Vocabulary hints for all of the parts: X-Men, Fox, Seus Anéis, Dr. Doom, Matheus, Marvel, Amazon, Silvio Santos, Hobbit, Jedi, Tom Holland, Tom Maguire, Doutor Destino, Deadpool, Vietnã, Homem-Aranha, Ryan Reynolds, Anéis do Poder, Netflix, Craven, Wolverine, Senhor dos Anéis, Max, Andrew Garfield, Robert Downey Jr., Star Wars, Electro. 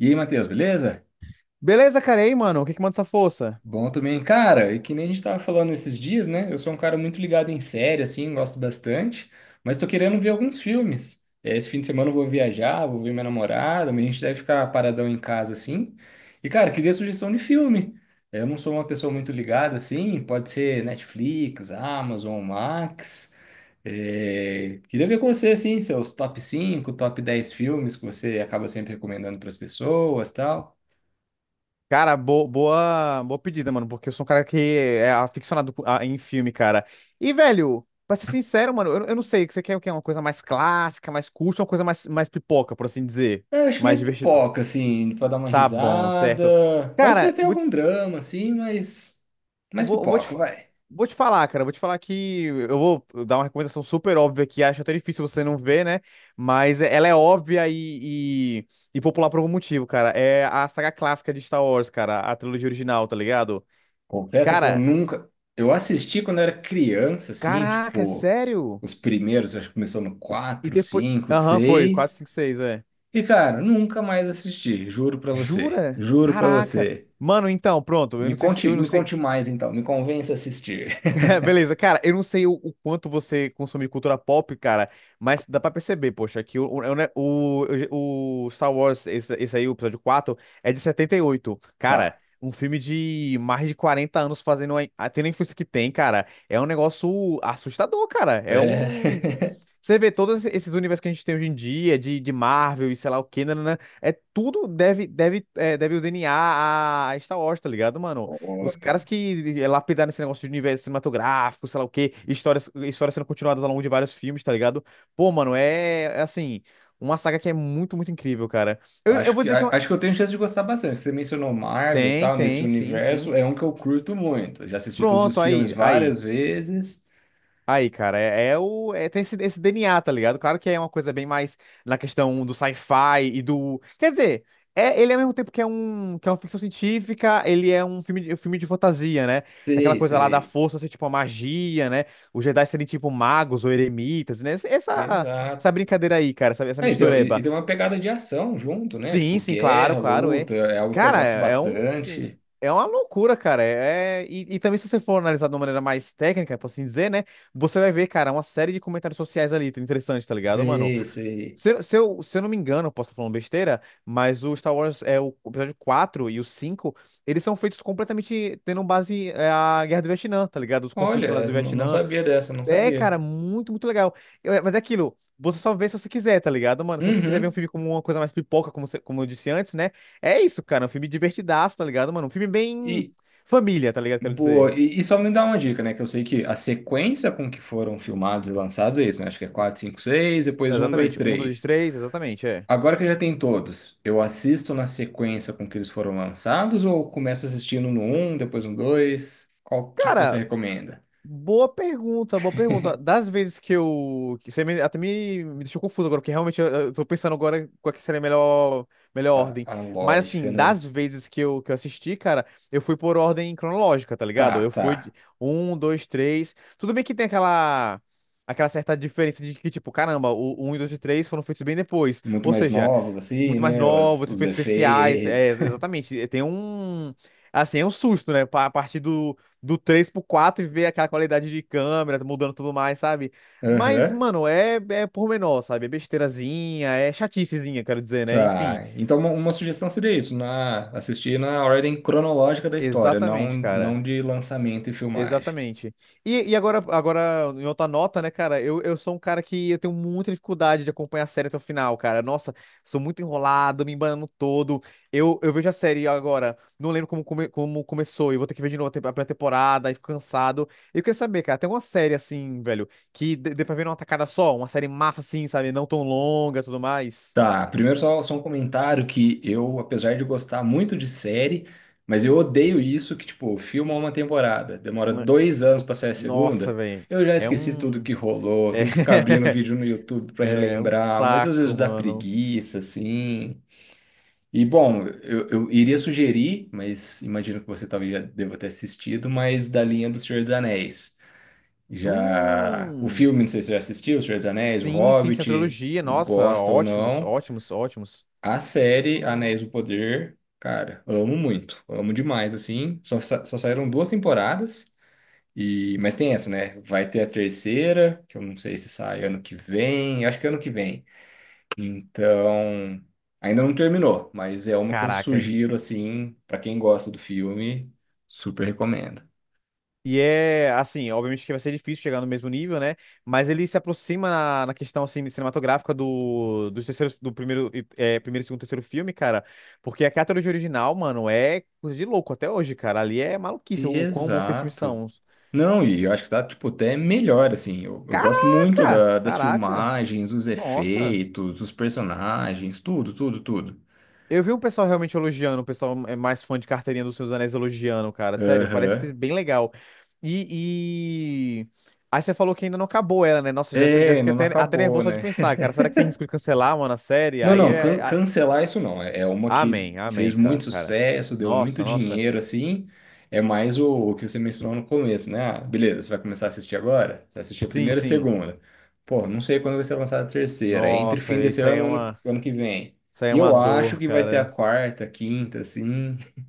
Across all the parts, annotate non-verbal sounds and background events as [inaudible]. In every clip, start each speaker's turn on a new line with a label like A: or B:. A: E aí, Matheus, beleza?
B: Beleza, cara, e aí, mano? O que que manda essa força?
A: Bom também. Cara, e que nem a gente tava falando esses dias, né? Eu sou um cara muito ligado em série, assim, gosto bastante, mas tô querendo ver alguns filmes. Esse fim de semana eu vou viajar, vou ver minha namorada, mas a gente deve ficar paradão em casa, assim. E, cara, queria sugestão de filme. Eu não sou uma pessoa muito ligada, assim, pode ser Netflix, Amazon, Max. Queria ver com você, assim, seus top 5, top 10 filmes que você acaba sempre recomendando para as pessoas, tal.
B: Cara, boa pedida, mano, porque eu sou um cara que é aficionado em filme, cara. E, velho, pra ser sincero, mano, eu não sei, você quer o quê? Uma coisa mais clássica, mais curta, ou uma coisa mais pipoca, por assim dizer?
A: Eu acho que
B: Mais
A: mais
B: divertidão.
A: pipoca, assim, pra dar uma
B: Tá bom, certo.
A: risada. Pode ser
B: Cara,
A: até
B: vou
A: algum drama, assim, mas
B: Eu
A: mais
B: Vou, eu vou te,
A: pipoca,
B: fa-
A: vai.
B: vou te falar, cara. Vou te falar que eu vou dar uma recomendação super óbvia que acho até difícil você não ver, né? Mas é, ela é óbvia e popular por algum motivo, cara. É a saga clássica de Star Wars, cara. A trilogia original, tá ligado?
A: Confesso que eu
B: Cara,
A: nunca. Eu assisti quando era criança, assim,
B: caraca, é
A: tipo,
B: sério?
A: os primeiros, acho que começou no
B: E
A: 4,
B: depois.
A: cinco,
B: Aham, foi. Quatro,
A: 6.
B: cinco, seis, é.
A: E, cara, nunca mais assisti, juro pra você.
B: Jura?
A: Juro pra
B: Caraca.
A: você.
B: Mano, então, pronto. Eu não sei se. Eu não
A: Me
B: sei.
A: conte mais, então, me convença a assistir. [laughs]
B: [laughs] Beleza, cara, eu não sei o quanto você consome cultura pop, cara, mas dá pra perceber, poxa, que o Star Wars, esse aí, o episódio 4, é de 78. Cara,
A: Tá.
B: um filme de mais de 40 anos fazendo tendo a influência que tem, cara, é um negócio assustador, cara.
A: É.
B: Você vê todos esses universos que a gente tem hoje em dia, de Marvel e sei lá o que, né, é tudo deve o DNA a Star Wars, tá ligado, mano? Os
A: [laughs]
B: caras que lapidaram esse negócio de universo cinematográfico, sei lá o que, histórias sendo continuadas ao longo de vários filmes, tá ligado? Pô, mano, é assim, uma saga que é muito, muito incrível, cara. Eu
A: Acho
B: vou
A: que,
B: dizer que é
A: a-
B: uma...
A: acho que eu tenho chance de gostar bastante. Você mencionou Marvel, e
B: Tem,
A: tal, nesse
B: tem, sim, sim.
A: universo, é um que eu curto muito. Já assisti todos os
B: Pronto,
A: filmes
B: aí, aí.
A: várias vezes.
B: Aí, cara, é, é o. é- tem esse DNA, tá ligado? Claro que é uma coisa bem mais na questão do sci-fi e do. Quer dizer, é, ele ao mesmo tempo que é uma ficção científica, ele é um filme de fantasia, né? Tem aquela
A: Sei,
B: coisa lá da
A: sei.
B: força ser tipo a magia, né? Os Jedi serem tipo magos ou eremitas, né? Essa
A: Exato.
B: brincadeira aí, cara, essa
A: Ah, e tem, e
B: mistureba.
A: e tem uma pegada de ação junto, né? Tipo,
B: Sim, sim, claro,
A: guerra,
B: claro, é.
A: luta, é algo que eu
B: Cara,
A: gosto
B: é é um,
A: bastante.
B: é uma loucura, cara. É, e também se você for analisar de uma maneira mais técnica, por assim dizer, né? Você vai ver, cara, uma série de comentários sociais ali, interessante, tá ligado, mano?
A: Sei, sei.
B: Se eu não me engano, eu posso estar falando besteira, mas o Star Wars, o episódio 4 e o 5 eles são feitos completamente tendo base a Guerra do Vietnã, tá ligado? Os conflitos lá
A: Olha,
B: do
A: eu não
B: Vietnã,
A: sabia dessa, não sabia.
B: cara, muito, muito legal. Mas é aquilo, você só vê se você quiser, tá ligado, mano? Se você quiser ver um
A: Uhum.
B: filme como uma coisa mais pipoca, como eu disse antes, né? É isso, cara, um filme divertidaço, tá ligado, mano? Um filme bem
A: E,
B: família, tá ligado, quero dizer.
A: boa, e só me dá uma dica, né? Que eu sei que a sequência com que foram filmados e lançados é isso, né? Acho que é 4, 5, 6, depois um, 2,
B: Exatamente, um, dois,
A: 3.
B: três, exatamente, é.
A: Agora que já tem todos, eu assisto na sequência com que eles foram lançados ou começo assistindo no um depois no 2? Qual que você
B: Cara,
A: recomenda?
B: boa pergunta, boa pergunta.
A: [laughs]
B: Das vezes que eu. Que Você me- até me, me deixou confuso agora, porque realmente eu tô pensando agora qual que seria a melhor, melhor
A: A,
B: ordem.
A: a
B: Mas
A: lógica,
B: assim,
A: né?
B: das vezes que eu assisti, cara, eu fui por ordem cronológica, tá ligado?
A: Tá,
B: Eu fui de
A: tá.
B: um, dois, três. Tudo bem que tem aquela certa diferença de que, tipo, caramba, o um e 2 e 3 foram feitos bem depois.
A: Muito
B: Ou
A: mais
B: seja,
A: novos, assim,
B: muito mais
A: né?
B: novos,
A: Os
B: efeitos especiais, é,
A: efeitos.
B: ex- exatamente. E tem um, assim, é um susto, né? A partir do 3 pro 4 e ver aquela qualidade de câmera mudando tudo mais, sabe?
A: [laughs]
B: Mas,
A: Aham.
B: mano, é pormenor, sabe? É besteirazinha, é chaticezinha, quero dizer, né? Enfim,
A: Tá. Então, uma sugestão seria isso, na, assistir na ordem cronológica da história, não,
B: exatamente, cara.
A: não de lançamento e filmagem.
B: Exatamente. E agora, em outra nota, né, cara? Eu sou um cara que eu tenho muita dificuldade de acompanhar a série até o final, cara. Nossa, sou muito enrolado, me embanando todo. Eu vejo a série agora, não lembro como começou, eu vou ter que ver de novo a pré-temporada, aí fico cansado. Eu queria saber, cara, tem uma série assim, velho, que dê pra ver numa tacada só? Uma série massa assim, sabe? Não tão longa e tudo mais.
A: Tá, primeiro só, só um comentário que eu, apesar de gostar muito de série, mas eu odeio isso que, tipo, filma uma temporada, demora dois anos pra sair a
B: Nossa,
A: segunda.
B: velho.
A: Eu já
B: É
A: esqueci tudo
B: um.
A: que rolou, tem que ficar abrindo
B: [laughs]
A: vídeo no YouTube pra
B: É um
A: relembrar, mas às vezes
B: saco,
A: dá
B: mano.
A: preguiça, assim. E, bom, eu iria sugerir, mas imagino que você talvez já deva ter assistido, mas da linha do Senhor dos Anéis. Já... O
B: Hum.
A: filme, não sei se você já assistiu, O Senhor dos Anéis, O
B: Sim, sim,
A: Hobbit,
B: Centrologia, nossa,
A: gosta ou
B: ótimos,
A: não.
B: ótimos, ótimos.
A: A série Anéis do Poder, cara, amo muito, amo demais, assim. Só, só saíram duas temporadas, e mas tem essa, né? Vai ter a terceira, que eu não sei se sai ano que vem, eu acho que é ano que vem. Então, ainda não terminou, mas é uma que eu
B: Caraca.
A: sugiro, assim, pra quem gosta do filme, super recomendo.
B: E é, assim, obviamente que vai ser difícil chegar no mesmo nível, né? Mas ele se aproxima na questão, assim, cinematográfica do primeiro, segundo, terceiro filme, cara. Porque a trilogia original, mano, é coisa de louco até hoje, cara. Ali é maluquice o quão bom que esses filmes
A: Exato.
B: são.
A: Não, e eu acho que tá, tipo, até melhor, assim. Eu gosto muito
B: Caraca!
A: das
B: Caraca!
A: filmagens, dos
B: Nossa!
A: efeitos, dos personagens, tudo, tudo, tudo.
B: Eu vi um pessoal realmente elogiando, o pessoal é mais fã de carteirinha dos Seus Anéis elogiando, cara. Sério, parece
A: Aham.
B: bem legal. E, e... Aí você falou que ainda não acabou ela, né? Nossa, já,
A: É,
B: já fiquei
A: ainda não
B: até
A: acabou,
B: nervoso só de
A: né?
B: pensar, cara. Será que tem risco de cancelar, mano, a série?
A: Não,
B: Aí
A: não, can- cancelar isso não. É, é uma que
B: Amém,
A: fez
B: amém, ca-
A: muito
B: cara.
A: sucesso, deu muito
B: Nossa, nossa.
A: dinheiro, assim. É mais o que você mencionou no começo, né? Ah, beleza, você vai começar a assistir agora? Você vai assistir a
B: Sim,
A: primeira e a
B: sim.
A: segunda. Pô, não sei quando vai ser lançada a terceira. É entre fim
B: Nossa,
A: desse
B: isso aí
A: ano
B: é
A: e ano,
B: uma...
A: ano que vem.
B: Isso aí é
A: E
B: uma
A: eu acho
B: dor,
A: que vai ter a
B: cara.
A: quarta, quinta, assim. [laughs]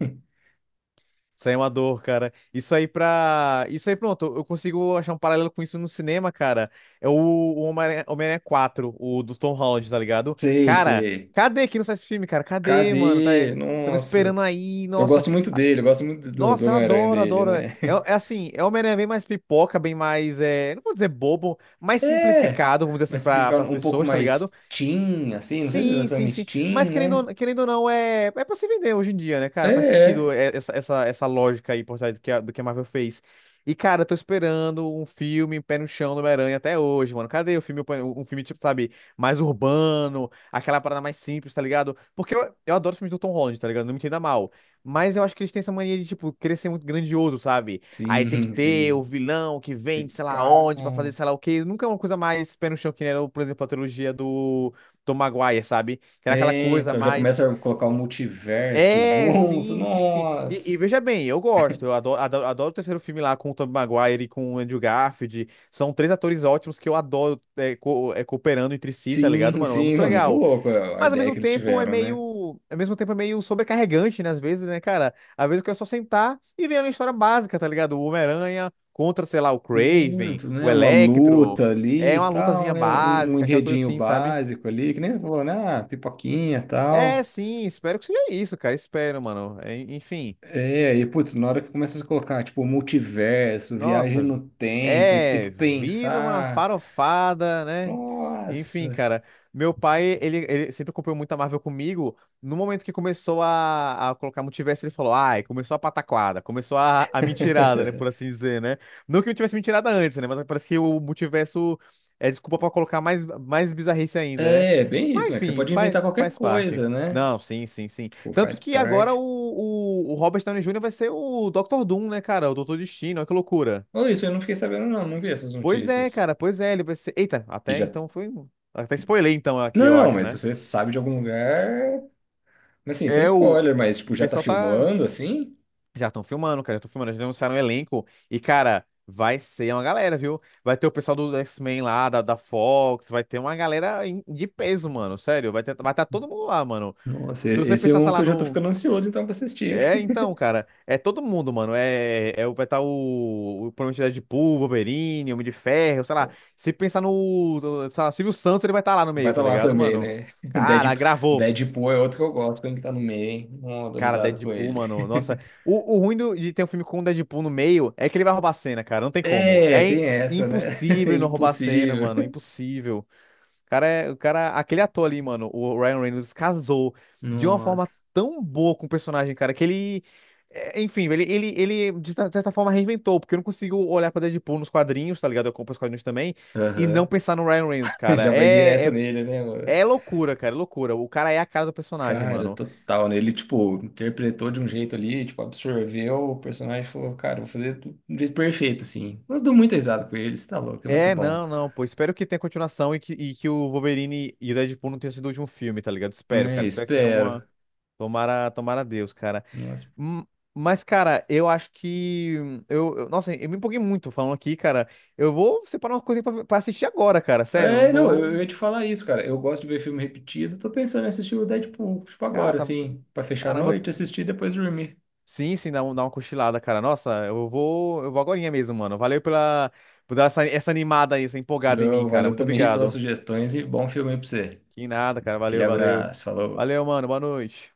B: Isso aí é uma dor, cara. Isso aí pra. Isso aí, pronto. Eu consigo achar um paralelo com isso no cinema, cara. É o Homem-Aranha 4, o do Tom Holland, tá ligado?
A: Sei,
B: Cara,
A: sei.
B: cadê que não sai esse filme, cara? Cadê, mano? Tá...
A: Cadê?
B: Estão
A: Nossa.
B: esperando aí,
A: Eu
B: nossa.
A: gosto muito
B: Ah,
A: dele, eu gosto muito do, do
B: nossa, eu
A: Homem-Aranha
B: adoro,
A: dele,
B: adoro. É,
A: né?
B: é assim, é o Homem-Aranha bem mais pipoca, bem mais. Não vou dizer bobo, mais
A: É,
B: simplificado, vamos dizer assim,
A: mas
B: para
A: simplificar
B: as
A: um pouco
B: pessoas, tá ligado?
A: mais teen, assim, não sei se é
B: Sim, sim,
A: exatamente
B: sim.
A: teen,
B: Mas querendo
A: né?
B: ou, querendo ou não, é pra se vender hoje em dia, né,
A: É,
B: cara? Faz
A: é.
B: sentido essa lógica aí por trás do que a Marvel fez. E, cara, eu tô esperando um filme Pé no Chão do Homem-Aranha até hoje, mano. Cadê um filme, tipo, sabe, mais urbano, aquela parada mais simples, tá ligado? Porque eu adoro os filmes do Tom Holland, tá ligado? Não me entenda mal. Mas eu acho que eles têm essa mania de, tipo, querer ser muito grandioso, sabe? Aí tem que
A: Sim, [laughs]
B: ter
A: sim.
B: o vilão que
A: E
B: vem de sei lá
A: pá.
B: onde pra fazer sei lá o quê. Nunca é uma coisa mais pé no chão que nem era, por exemplo, a trilogia do Tom Maguire, sabe? Que era aquela
A: É,
B: coisa
A: então já
B: mais.
A: começa a colocar o multiverso
B: É,
A: junto,
B: sim, sim, sim. E
A: nossa.
B: veja bem, eu gosto. Eu adoro, adoro, adoro o terceiro filme lá com o Tom Maguire e com o Andrew Garfield. São três atores ótimos que eu adoro cooperando entre si, tá ligado,
A: Sim,
B: mano? É
A: sim,
B: muito
A: não, muito
B: legal.
A: louco a
B: Mas ao
A: ideia
B: mesmo
A: que eles
B: tempo é
A: tiveram, né?
B: meio. Ao mesmo tempo é meio sobrecarregante, né? Às vezes, né, cara? Às vezes eu quero só sentar e ver uma história básica, tá ligado? O Homem-Aranha contra, sei lá, o Craven,
A: Muito,
B: o
A: né? Uma
B: Electro.
A: luta ali
B: É
A: e
B: uma
A: tal,
B: lutazinha
A: né? Um
B: básica, aquela coisa
A: enredinho
B: assim, sabe?
A: básico ali, que nem falou, né? Ah, pipoquinha e
B: É,
A: tal.
B: sim, espero que seja isso, cara. Espero, mano. Enfim,
A: É, e putz, na hora que começa a colocar, tipo, multiverso, viagem
B: nossa,
A: no tempo, aí você tem que
B: vira uma
A: pensar.
B: farofada, né? Enfim,
A: Nossa!
B: cara, meu pai, ele sempre acompanhou muita Marvel comigo. No momento que começou a colocar multiverso, ele falou, ai, começou a pataquada, começou a mentirada, né, por
A: [laughs]
B: assim dizer, né? Não que não tivesse mentirada antes, né? Mas parece que o multiverso é desculpa pra colocar mais, mais bizarrice ainda, né?
A: É, é bem
B: Mas
A: isso, né? Que você
B: enfim,
A: pode inventar
B: faz,
A: qualquer
B: faz parte.
A: coisa, né?
B: Não, sim, sim, sim.
A: Tipo,
B: Tanto
A: faz
B: que agora o,
A: parte.
B: o, o Robert Downey Jr. vai ser o Dr. Doom, né, cara? O Doutor Destino, olha que loucura.
A: Ou isso, eu não fiquei sabendo, não, não vi essas
B: Pois é,
A: notícias.
B: cara, pois é, ele vai ser. Eita,
A: E
B: até
A: já.
B: então foi um. Até spoiler então aqui,
A: Não,
B: eu
A: não,
B: acho,
A: mas se
B: né?
A: você sabe de algum lugar. Mas assim, sem
B: É o.
A: spoiler, mas
B: O
A: tipo, já tá
B: pessoal tá.
A: filmando assim?
B: Já estão filmando, cara, já estão filmando, já anunciaram o elenco. E, cara, vai ser uma galera, viu? Vai ter o pessoal do X-Men lá, da Fox, vai ter uma galera de peso, mano, sério. Vai estar todo mundo lá, mano.
A: Nossa,
B: Se
A: e-
B: você
A: esse é
B: pensar,
A: um
B: sei
A: que
B: lá,
A: eu já tô
B: no.
A: ficando ansioso então pra assistir.
B: É, então, cara, é todo mundo, mano. Vai estar o, provavelmente é Deadpool, Wolverine, Homem de Ferro, sei lá.
A: [laughs]
B: Se pensar no sei lá, Silvio Santos, ele vai estar lá no
A: Vai
B: meio, tá
A: estar lá
B: ligado,
A: também,
B: mano?
A: né? [laughs]
B: Cara,
A: Deadp-
B: gravou.
A: Deadpool é outro que eu gosto quando ele tá no meio, hein? Não, dou
B: Cara,
A: risada com
B: Deadpool,
A: ele.
B: mano. Nossa, o ruim de ter um filme com o Deadpool no meio é que ele vai roubar a cena, cara. Não tem como.
A: É,
B: É im-
A: tem essa, né? [laughs]
B: impossível ele não roubar a cena,
A: Impossível.
B: mano. Impossível. O cara, aquele ator ali, mano, o Ryan Reynolds casou de uma forma
A: Nossa.
B: tão boa com o personagem, cara, que ele, é, enfim, ele de certa forma reinventou, porque eu não consigo olhar pra Deadpool nos quadrinhos, tá ligado? Eu compro os quadrinhos também e não
A: Aham.
B: pensar no Ryan Reynolds,
A: [laughs] Já
B: cara.
A: vai
B: É,
A: direto
B: é,
A: nele, né, mano?
B: é loucura, cara, é loucura. O cara é a cara do personagem,
A: Cara,
B: mano.
A: total, né? Ele, tipo, interpretou de um jeito ali, tipo, absorveu o personagem e falou, cara, vou fazer do jeito perfeito, assim. Eu dou muita risada com ele, você tá louco, é muito
B: É,
A: bom.
B: não, não, pô. Espero que tenha continuação e que o Wolverine e o Deadpool não tenham sido o último filme, tá ligado? Espero,
A: É,
B: cara. Espero que tenha uma.
A: espero.
B: Tomara, tomara a Deus, cara.
A: Nossa,
B: Hum, Mas, cara, eu acho que. Nossa, eu me empolguei muito falando aqui, cara. Eu vou separar uma coisa pra assistir agora, cara. Sério, eu
A: é, não, eu
B: não.
A: ia te falar isso, cara. Eu gosto de ver filme repetido. Tô pensando em assistir o Deadpool, tipo
B: Cara,
A: agora,
B: tá-
A: assim, pra fechar a
B: Caramba.
A: noite, assistir e depois dormir.
B: Sim, sim, dá uma cochilada, cara. Nossa, Eu vou. Agorinha mesmo, mano. Valeu por dar essa, essa animada aí, essa empolgada em mim,
A: Valeu,
B: cara.
A: valeu
B: Muito
A: também aí pelas
B: obrigado.
A: sugestões e bom filme aí pra você.
B: Que nada, cara.
A: Aquele
B: Valeu, valeu.
A: abraço, falou.
B: Valeu, mano. Boa noite.